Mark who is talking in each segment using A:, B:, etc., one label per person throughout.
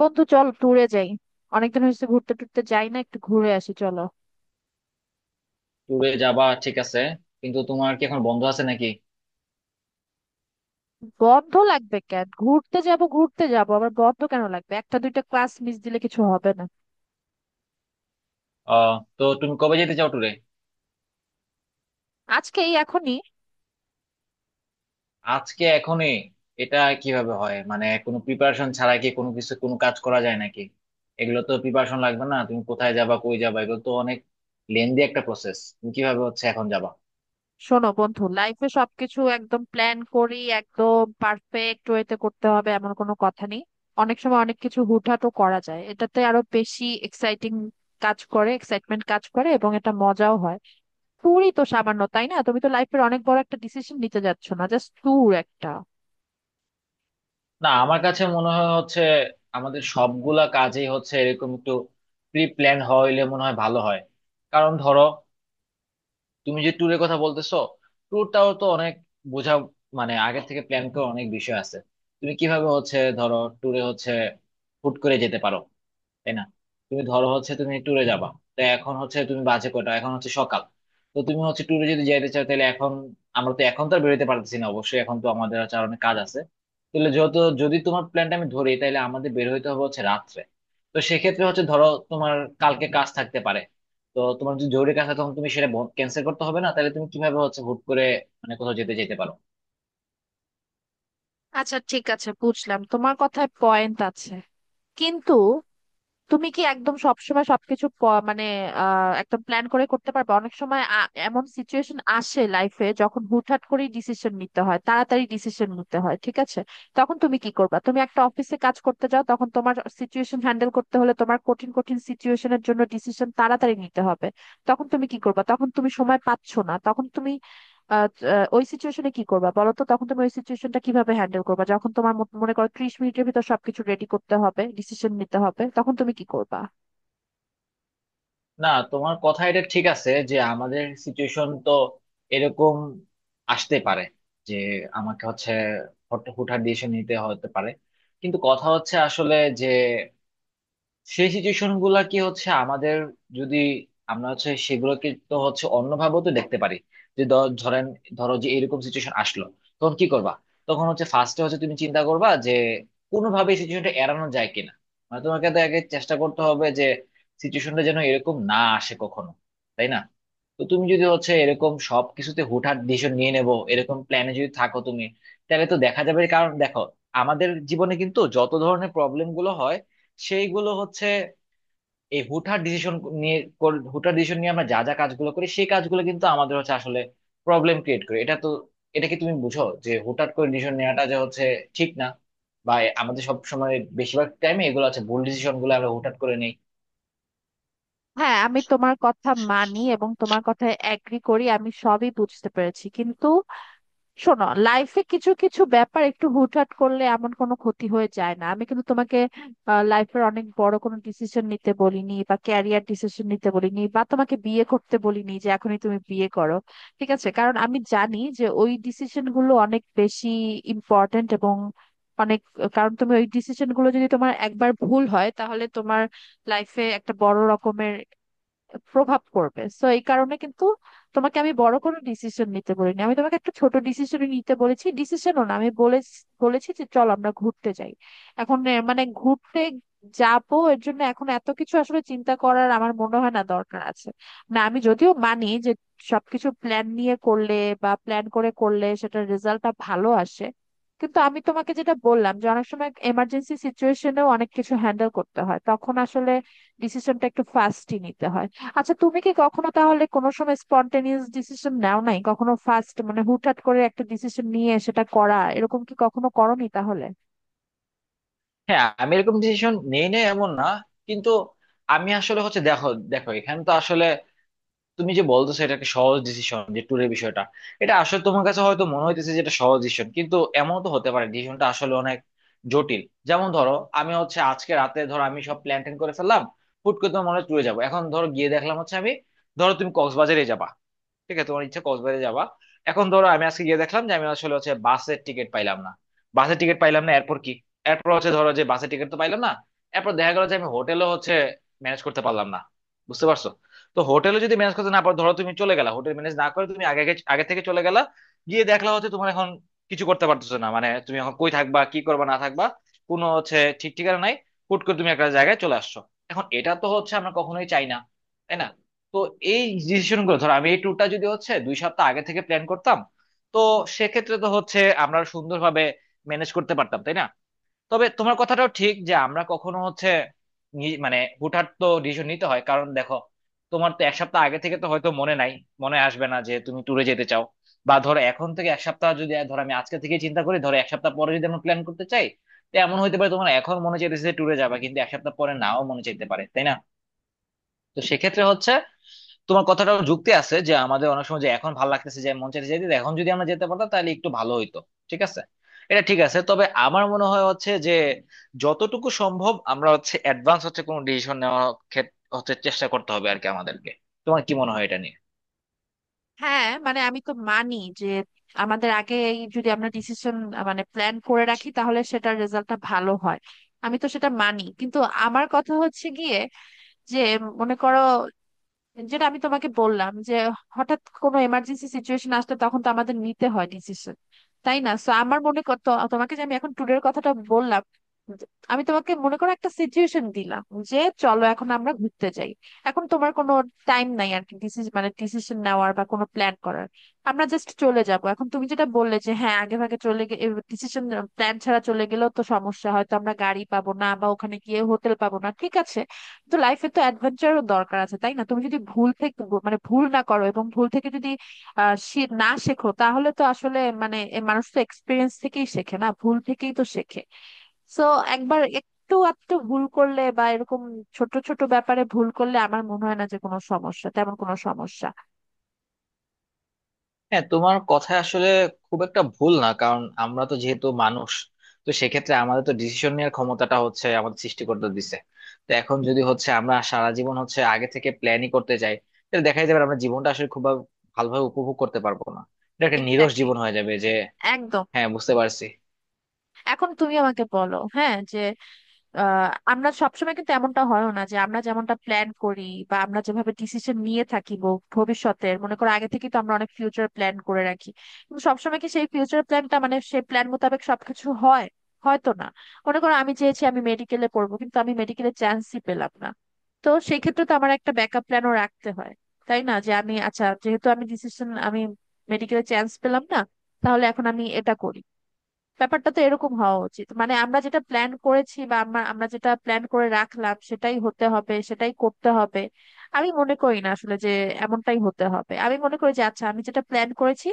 A: বন্ধু, চল ট্যুরে যাই। অনেকদিন হয়েছে ঘুরতে টুরতে যাই না, একটু ঘুরে আসি চলো।
B: ট্যুরে যাবা, ঠিক আছে। কিন্তু তোমার কি এখন বন্ধ আছে নাকি?
A: বন্ধ লাগবে কেন? ঘুরতে যাব, ঘুরতে যাব, আবার বন্ধ কেন লাগবে? একটা দুইটা ক্লাস মিস দিলে কিছু হবে না।
B: আহ তো তুমি কবে যেতে চাও ট্যুরে?
A: আজকেই, এখনই।
B: আজকে এখনই? এটা কিভাবে হয়? মানে কোনো প্রিপারেশন ছাড়া কি কোনো কিছু, কোনো কাজ করা যায় নাকি? এগুলো তো প্রিপারেশন লাগবে। না তুমি কোথায় যাবা, কই যাবা, এগুলো তো অনেক লেন্দি একটা প্রসেস। তুমি কিভাবে হচ্ছে এখন যাবা?
A: শোনো বন্ধু, লাইফে সবকিছু একদম প্ল্যান করি, একদম পারফেক্ট ওয়েতে করতে হবে এমন কোনো কথা নেই। অনেক সময় অনেক কিছু হুটহাটও করা যায়, এটাতে আরো বেশি এক্সাইটিং কাজ করে, এক্সাইটমেন্ট কাজ করে এবং এটা মজাও হয়। ট্যুরই তো সামান্য, তাই না? তুমি তো লাইফের অনেক বড় একটা ডিসিশন নিতে যাচ্ছ না, জাস্ট ট্যুর একটা।
B: না, আমার কাছে মনে হয় হচ্ছে আমাদের সবগুলা কাজেই হচ্ছে এরকম একটু প্রি প্ল্যান হইলে মনে হয় ভালো হয়। কারণ ধরো, তুমি যে ট্যুরের কথা বলতেছো, ট্যুরটাও তো অনেক বোঝা, মানে আগে থেকে প্ল্যান করা অনেক বিষয় আছে। তুমি কিভাবে হচ্ছে ধরো ট্যুরে হচ্ছে হুট করে যেতে পারো, তাই না? তুমি ধরো হচ্ছে তুমি ট্যুরে যাবা, তো এখন হচ্ছে তুমি বাজে কয়টা এখন, হচ্ছে সকাল। তো তুমি হচ্ছে ট্যুরে যদি যাইতে চাও তাহলে এখন আমরা তো এখন তো আর বেরোতে পারতেছি না, অবশ্যই এখন তো আমাদের হচ্ছে আর অনেক কাজ আছে। তাহলে যত, যদি তোমার প্ল্যানটা আমি ধরি তাহলে আমাদের বের হইতে হবে হচ্ছে রাত্রে। তো সেক্ষেত্রে হচ্ছে ধরো তোমার কালকে কাজ থাকতে পারে। তো তোমার যদি জরুরি কাজ থাকে তখন তুমি সেটা ক্যান্সেল করতে হবে না? তাহলে তুমি কিভাবে হচ্ছে হুট করে মানে কোথাও যেতে যেতে পারো?
A: আচ্ছা ঠিক আছে, বুঝলাম, তোমার কথায় পয়েন্ট আছে। কিন্তু তুমি কি একদম সবসময় সবকিছু মানে একদম প্ল্যান করে করতে পারবে? অনেক সময় এমন সিচুয়েশন আসে লাইফে, যখন হুটহাট করে ডিসিশন নিতে হয়, তাড়াতাড়ি ডিসিশন নিতে হয়, ঠিক আছে? তখন তুমি কি করবা? তুমি একটা অফিসে কাজ করতে যাও, তখন তোমার সিচুয়েশন হ্যান্ডেল করতে হলে, তোমার কঠিন কঠিন সিচুয়েশনের জন্য ডিসিশন তাড়াতাড়ি নিতে হবে। তখন তুমি কি করবা? তখন তুমি সময় পাচ্ছ না, তখন তুমি আহ, আহ, ওই সিচুয়েশনে কি করবা বলো তো? তখন তুমি ওই সিচুয়েশনটা কিভাবে হ্যান্ডেল করবা, যখন তোমার মনে করো 30 মিনিটের ভিতর সবকিছু রেডি করতে হবে, ডিসিশন নিতে হবে, তখন তুমি কি করবা?
B: না, তোমার কথা এটা ঠিক আছে যে আমাদের সিচুয়েশন তো এরকম আসতে পারে যে আমাকে হচ্ছে হুটহাট ডিসিশন নিতে হতে পারে। কিন্তু কথা হচ্ছে আসলে যে সেই সিচুয়েশন গুলা কি হচ্ছে আমাদের, যদি আমরা হচ্ছে সেগুলোকে তো হচ্ছে অন্যভাবেও তো দেখতে পারি। যে ধরেন, ধরো যে এরকম সিচুয়েশন আসলো, তখন কি করবা? তখন হচ্ছে ফার্স্টে হচ্ছে তুমি চিন্তা করবা যে কোনোভাবে সিচুয়েশনটা এড়ানো যায় কিনা। মানে তোমাকে তো আগে চেষ্টা করতে হবে যে সিচুয়েশনটা যেন এরকম না আসে কখনো, তাই না? তো তুমি যদি হচ্ছে এরকম সব কিছুতে হুটহাট ডিসিশন নিয়ে নেবো এরকম প্ল্যানে যদি থাকো তুমি, তাহলে তো দেখা যাবে। কারণ দেখো, আমাদের জীবনে কিন্তু যত ধরনের প্রবলেম গুলো হয়, সেইগুলো হচ্ছে এই হুটহাট ডিসিশন নিয়ে হুটহাট ডিসিশন নিয়ে আমরা যা যা কাজগুলো করি সেই কাজগুলো কিন্তু আমাদের হচ্ছে আসলে প্রবলেম ক্রিয়েট করে। এটা তো, এটা কি তুমি বুঝো যে হুটহাট করে ডিসিশন নেওয়াটা যে হচ্ছে ঠিক না? বা আমাদের সব সময়, বেশিরভাগ টাইমে এগুলো আছে ভুল ডিসিশন গুলো আমরা হুটহাট করে নেই।
A: হ্যাঁ, আমি তোমার কথা মানি এবং তোমার কথায় অ্যাগ্রি করি, আমি সবই বুঝতে পেরেছি। কিন্তু শোনো, লাইফে কিছু কিছু ব্যাপার একটু হুটহাট করলে এমন কোনো ক্ষতি হয়ে যায় না। আমি কিন্তু তোমাকে লাইফের অনেক বড় কোনো ডিসিশন নিতে বলিনি, বা ক্যারিয়ার ডিসিশন নিতে বলিনি, বা তোমাকে বিয়ে করতে বলিনি যে এখনই তুমি বিয়ে করো, ঠিক আছে? কারণ আমি জানি যে ওই ডিসিশন গুলো অনেক বেশি ইম্পর্ট্যান্ট এবং অনেক, কারণ তুমি ওই ডিসিশন গুলো যদি তোমার একবার ভুল হয়, তাহলে তোমার লাইফে একটা বড় রকমের প্রভাব পড়বে। সো এই কারণে কিন্তু তোমাকে আমি বড় কোনো ডিসিশন নিতে বলিনি, আমি তোমাকে একটা ছোট ডিসিশন নিতে বলেছি, ডিসিশনও না, আমি বলেছি যে চল আমরা ঘুরতে যাই। এখন মানে ঘুরতে যাবো এর জন্য এখন এত কিছু আসলে চিন্তা করার আমার মনে হয় না দরকার আছে। না, আমি যদিও মানি যে সবকিছু প্ল্যান নিয়ে করলে বা প্ল্যান করে করলে সেটার রেজাল্টটা ভালো আসে, কিন্তু আমি তোমাকে যেটা বললাম, যে অনেক সময় এমার্জেন্সি সিচুয়েশনেও অনেক কিছু হ্যান্ডেল করতে হয়, তখন আসলে ডিসিশনটা একটু ফাস্টই নিতে হয়। আচ্ছা, তুমি কি কখনো তাহলে কোনো সময় স্পন্টেনিয়াস ডিসিশন নাও নাই কখনো? ফার্স্ট মানে হুটহাট করে একটা ডিসিশন নিয়ে সেটা করা, এরকম কি কখনো করোনি তাহলে?
B: হ্যাঁ, আমি এরকম ডিসিশন নেই না এমন না, কিন্তু আমি আসলে হচ্ছে দেখো, দেখো এখানে তো আসলে তুমি যে বলতেছো এটা একটা সহজ ডিসিশন, যে ট্যুরের বিষয়টা এটা আসলে তোমার কাছে হয়তো মনে হইতেছে যে এটা সহজ ডিসিশন, কিন্তু এমন তো হতে পারে ডিসিশনটা আসলে অনেক জটিল। যেমন ধরো, আমি হচ্ছে আজকে রাতে ধরো আমি সব প্ল্যান ট্যান করে ফেললাম, হুট করে তোমার মনে ট্যুরে যাবো, এখন ধরো গিয়ে দেখলাম হচ্ছে আমি, ধরো তুমি কক্সবাজারে যাবা, ঠিক আছে, তোমার ইচ্ছা কক্সবাজারে যাবা। এখন ধরো আমি আজকে গিয়ে দেখলাম যে আমি আসলে হচ্ছে বাসের টিকিট পাইলাম না, বাসের টিকিট পাইলাম না, এরপর কি? এরপর হচ্ছে ধরো যে বাসের টিকিট তো পাইলাম না, এরপর দেখা গেল যে আমি হোটেলও হচ্ছে ম্যানেজ করতে পারলাম না, বুঝতে পারছো? তো হোটেলে যদি ম্যানেজ করতে না পারো, ধরো তুমি চলে গেলা হোটেল ম্যানেজ না করে, তুমি আগে আগে আগে থেকে চলে গেলা, গিয়ে দেখলা হচ্ছে তোমার এখন কিছু করতে পারতেছো না, মানে তুমি এখন কই থাকবা, কি করবা না থাকবা, কোনো হচ্ছে ঠিক ঠিকানা নাই, হুট করে তুমি একটা জায়গায় চলে আসছো। এখন এটা তো হচ্ছে আমরা কখনোই চাই না, তাই না? তো এই ডিসিশন গুলো ধরো আমি এই ট্যুরটা যদি হচ্ছে 2 সপ্তাহ আগে থেকে প্ল্যান করতাম, তো সেক্ষেত্রে তো হচ্ছে আমরা সুন্দরভাবে ম্যানেজ করতে পারতাম, তাই না? তবে তোমার কথাটাও ঠিক যে আমরা কখনো হচ্ছে মানে হুটহাট তো ডিসিশন নিতে হয়, কারণ দেখো, তোমার তো এক সপ্তাহ আগে থেকে তো হয়তো মনে নাই, মনে আসবে না যে তুমি ট্যুরে যেতে চাও। বা ধরো এখন থেকে এক সপ্তাহ যদি, ধরো আমি আজকে থেকে চিন্তা করি ধরো এক সপ্তাহ পরে যদি আমরা প্ল্যান করতে চাই, তো এমন হইতে পারে তোমার এখন মনে চাইতেছে যে ট্যুরে যাবা, কিন্তু এক সপ্তাহ পরে নাও মনে চাইতে পারে, তাই না? তো সেক্ষেত্রে হচ্ছে তোমার কথাটাও যুক্তি আছে যে আমাদের অনেক সময় যে এখন ভালো লাগতেছে যে মন চাইতে যেতে, এখন যদি আমরা যেতে পারতাম তাহলে একটু ভালো হইতো, ঠিক আছে। এটা ঠিক আছে, তবে আমার মনে হয় হচ্ছে যে যতটুকু সম্ভব আমরা হচ্ছে অ্যাডভান্স হচ্ছে কোনো ডিসিশন নেওয়ার ক্ষেত্রে হচ্ছে চেষ্টা করতে হবে আর কি আমাদেরকে। তোমার কি মনে হয় এটা নিয়ে?
A: হ্যাঁ মানে আমি তো মানি যে আমাদের আগে যদি আমরা ডিসিশন মানে প্ল্যান করে রাখি, তাহলে সেটার রেজাল্টটা ভালো হয়, আমি তো সেটা মানি। কিন্তু আমার কথা হচ্ছে গিয়ে যে, মনে করো, যেটা আমি তোমাকে বললাম যে হঠাৎ কোনো এমার্জেন্সি সিচুয়েশন আসলে তখন তো আমাদের নিতে হয় ডিসিশন, তাই না? সো আমার মনে কর তোমাকে যে আমি এখন ট্যুরের কথাটা বললাম, যে- আমি তোমাকে মনে করো একটা সিচুয়েশন দিলাম যে চলো এখন আমরা ঘুরতে যাই। এখন তোমার কোনো টাইম নাই আর কি ডিসিশন মানে ডিসিশন নেওয়ার বা কোনো প্ল্যান করার, আমরা জাস্ট চলে যাব। এখন তুমি যেটা বললে যে হ্যাঁ, আগে ভাগে চলে গেলে ডিসিশন প্ল্যান ছাড়া চলে গেলেও তো সমস্যা, হয়তো আমরা গাড়ি পাবো না বা ওখানে গিয়ে হোটেল পাবো না, ঠিক আছে? তো লাইফে তো অ্যাডভেঞ্চারও দরকার আছে, তাই না? তুমি যদি ভুল থেকে মানে ভুল না করো এবং ভুল থেকে যদি না শেখো, তাহলে তো আসলে মানে এ মানুষ তো এক্সপিরিয়েন্স থেকেই শেখে না, ভুল থেকেই তো শেখে। সো একবার একটু আধটু ভুল করলে বা এরকম ছোট ছোট ব্যাপারে ভুল করলে আমার মনে হয় না যে কোনো সমস্যা, তেমন কোনো সমস্যা।
B: হ্যাঁ, তোমার কথা আসলে খুব একটা ভুল না, কারণ আমরা তো যেহেতু মানুষ, তো সেক্ষেত্রে আমাদের তো ডিসিশন নেওয়ার ক্ষমতাটা হচ্ছে আমাদের সৃষ্টিকর্তা দিছে। তো এখন যদি হচ্ছে আমরা সারা জীবন হচ্ছে আগে থেকে প্ল্যানই করতে যাই, তাহলে দেখা যাবে আমরা জীবনটা আসলে খুব ভালোভাবে উপভোগ করতে পারবো না, এটা একটা নিরস
A: এক্স্যাক্টলি,
B: জীবন হয়ে যাবে যে।
A: একদম।
B: হ্যাঁ, বুঝতে পারছি।
A: এখন তুমি আমাকে বলো হ্যাঁ, যে আমরা সবসময় কিন্তু এমনটা হয় না যে আমরা যেমনটা প্ল্যান করি বা আমরা যেভাবে ডিসিশন নিয়ে থাকি, ভবিষ্যতের মনে করো আগে থেকে তো আমরা অনেক ফিউচার প্ল্যান করে রাখি, কিন্তু সবসময় কি সেই ফিউচার প্ল্যানটা মানে সেই প্ল্যান মোতাবেক সবকিছু হয়? হয়তো না। মনে করো আমি চেয়েছি আমি মেডিকেলে পড়বো, কিন্তু আমি মেডিকেলে চান্সই পেলাম না। তো সেই ক্ষেত্রে তো আমার একটা ব্যাকআপ প্ল্যানও রাখতে হয়, তাই না? যে আমি আচ্ছা যেহেতু আমি ডিসিশন আমি মেডিকেলে চান্স পেলাম না, তাহলে এখন আমি এটা করি। ব্যাপারটা তো এরকম হওয়া উচিত, মানে আমরা যেটা প্ল্যান করেছি বা আমরা আমরা যেটা প্ল্যান করে রাখলাম সেটাই হতে হবে, সেটাই করতে হবে আমি মনে করি না আসলে যে। এমনটাই হতে হবে আমি মনে করি যে আচ্ছা আমি যেটা প্ল্যান করেছি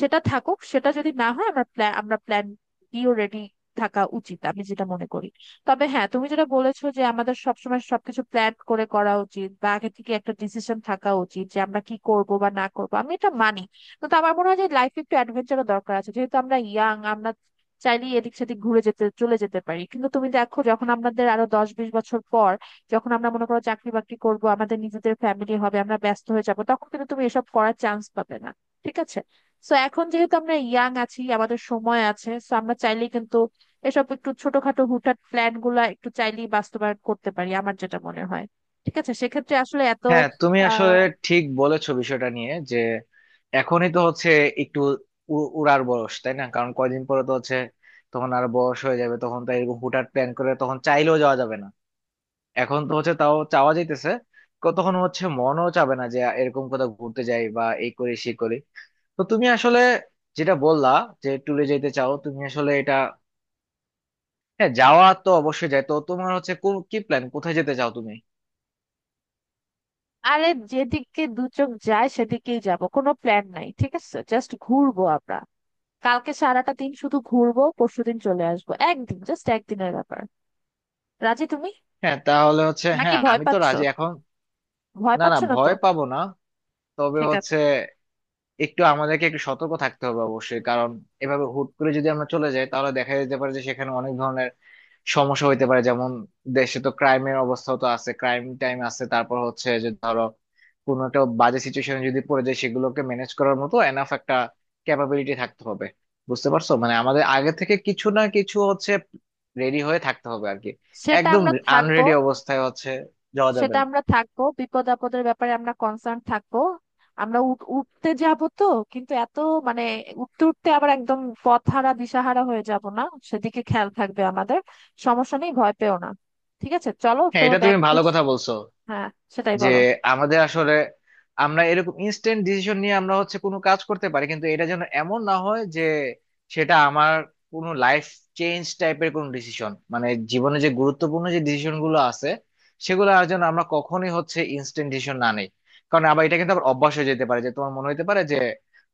A: সেটা থাকুক, সেটা যদি না হয় আমরা প্ল্যান বিও রেডি থাকা উচিত আমি যেটা মনে করি। তবে হ্যাঁ, তুমি যেটা বলেছো যে আমাদের সবসময় সবকিছু প্ল্যান করে করা উচিত বা আগে থেকে একটা ডিসিশন থাকা উচিত যে আমরা কি করব বা না করব, আমি এটা মানি। তো আমার মনে হয় যে লাইফে একটু অ্যাডভেঞ্চারও দরকার আছে, যেহেতু আমরা ইয়াং, আমরা চাইলেই এদিক সেদিক ঘুরে যেতে চলে যেতে পারি। কিন্তু তুমি দেখো, যখন আমাদের আরো 10-20 বছর পর, যখন আমরা মনে করো চাকরি বাকরি করবো, আমাদের নিজেদের ফ্যামিলি হবে, আমরা ব্যস্ত হয়ে যাবো, তখন কিন্তু তুমি এসব করার চান্স পাবে না, ঠিক আছে? সো এখন যেহেতু আমরা ইয়াং আছি, আমাদের সময় আছে, সো আমরা চাইলেই কিন্তু এসব একটু ছোটখাটো হুটহাট প্ল্যান গুলা একটু চাইলেই বাস্তবায়ন করতে পারি, আমার যেটা মনে হয়। ঠিক আছে সেক্ষেত্রে আসলে এত
B: হ্যাঁ, তুমি আসলে
A: আহ
B: ঠিক বলেছো বিষয়টা নিয়ে যে এখনই তো হচ্ছে একটু উড়ার বয়স, তাই না? কারণ কয়দিন পরে তো হচ্ছে তখন আর বয়স হয়ে যাবে, তখন তো এরকম হুটহাট প্ল্যান করে তখন চাইলেও যাওয়া যাবে না। এখন তো হচ্ছে তাও চাওয়া যাইতেছে, তখন হচ্ছে মনও চাবে না যে এরকম কোথাও ঘুরতে যাই বা এই করি সেই করি। তো তুমি আসলে যেটা বললা যে ট্যুরে যেতে চাও তুমি আসলে এটা, হ্যাঁ, যাওয়া তো অবশ্যই যায়। তো তোমার হচ্ছে কোন কি প্ল্যান, কোথায় যেতে চাও তুমি?
A: আরে, যেদিকে দু চোখ যায় সেদিকেই যাব, কোনো প্ল্যান নাই, ঠিক আছে? জাস্ট ঘুরবো আমরা, কালকে সারাটা দিন শুধু ঘুরবো, পরশুদিন চলে আসবো, একদিন জাস্ট একদিনের ব্যাপার। রাজি তুমি?
B: হ্যাঁ, তাহলে হচ্ছে,
A: নাকি
B: হ্যাঁ,
A: ভয়
B: আমি তো
A: পাচ্ছো?
B: রাজি এখন।
A: ভয়
B: না, না,
A: পাচ্ছো না তো?
B: ভয় পাবো না। তবে
A: ঠিক
B: হচ্ছে
A: আছে।
B: একটু আমাদেরকে একটু সতর্ক থাকতে হবে অবশ্যই, কারণ এভাবে হুট করে যদি আমরা চলে যাই তাহলে দেখা যেতে পারে যে সেখানে অনেক ধরনের সমস্যা হইতে পারে। যেমন দেশে তো ক্রাইমের অবস্থা তো আছে, ক্রাইম টাইম আছে, তারপর হচ্ছে যে ধরো কোনো একটা বাজে সিচুয়েশনে যদি পড়ে যায় সেগুলোকে ম্যানেজ করার মতো এনাফ একটা ক্যাপাবিলিটি থাকতে হবে। বুঝতে পারছো, মানে আমাদের আগে থেকে কিছু না কিছু হচ্ছে রেডি হয়ে থাকতে হবে আর কি,
A: সেটা
B: একদম
A: আমরা থাকবো
B: আনরেডি অবস্থায় হচ্ছে যাওয়া যাবে
A: সেটা
B: না।
A: আমরা থাকবো বিপদ আপদের ব্যাপারে আমরা কনসার্ন থাকবো। আমরা উঠতে যাব তো, কিন্তু এত মানে উঠতে উঠতে আবার একদম পথহারা দিশাহারা হয়ে যাব না, সেদিকে খেয়াল থাকবে আমাদের। সমস্যা নেই, ভয় পেও না। ঠিক আছে, চলো
B: হ্যাঁ,
A: তোমার
B: এটা
A: ব্যাগ
B: তুমি ভালো
A: গুছ।
B: কথা বলছো
A: হ্যাঁ, সেটাই
B: যে
A: বলো।
B: আমাদের আসলে আমরা এরকম ইনস্ট্যান্ট ডিসিশন নিয়ে আমরা হচ্ছে কোনো কাজ করতে পারি, কিন্তু এটা যেন এমন না হয় যে সেটা আমার কোনো লাইফ চেঞ্জ টাইপের কোনো ডিসিশন, মানে জীবনে যে গুরুত্বপূর্ণ যে ডিসিশন গুলো আছে সেগুলো আর যেন আমরা কখনোই হচ্ছে ইনস্ট্যান্ট ডিসিশন না নেই। কারণ আবার এটা কিন্তু আবার অভ্যাস হয়ে যেতে পারে যে তোমার মনে হতে পারে যে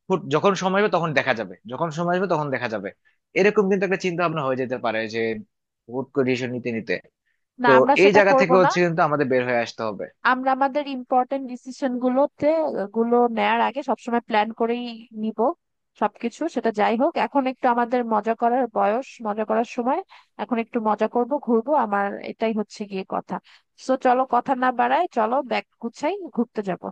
B: হুট, যখন সময় হবে তখন দেখা যাবে, যখন সময় আসবে তখন দেখা যাবে, এরকম কিন্তু একটা চিন্তা ভাবনা হয়ে যেতে পারে যে হুট করে ডিসিশন নিতে নিতে।
A: না,
B: তো
A: আমরা
B: এই
A: সেটা
B: জায়গা
A: করব
B: থেকে
A: না।
B: হচ্ছে কিন্তু আমাদের বের হয়ে আসতে হবে।
A: আমরা আমাদের ইম্পর্টেন্ট ডিসিশন গুলো নেয়ার আগে সবসময় প্ল্যান করেই নিব সবকিছু। সেটা যাই হোক, এখন একটু আমাদের মজা করার বয়স, মজা করার সময়, এখন একটু মজা করব, ঘুরবো, আমার এটাই হচ্ছে গিয়ে কথা। সো চলো, কথা না বাড়ায় চলো ব্যাগ গুছাই, ঘুরতে যাব।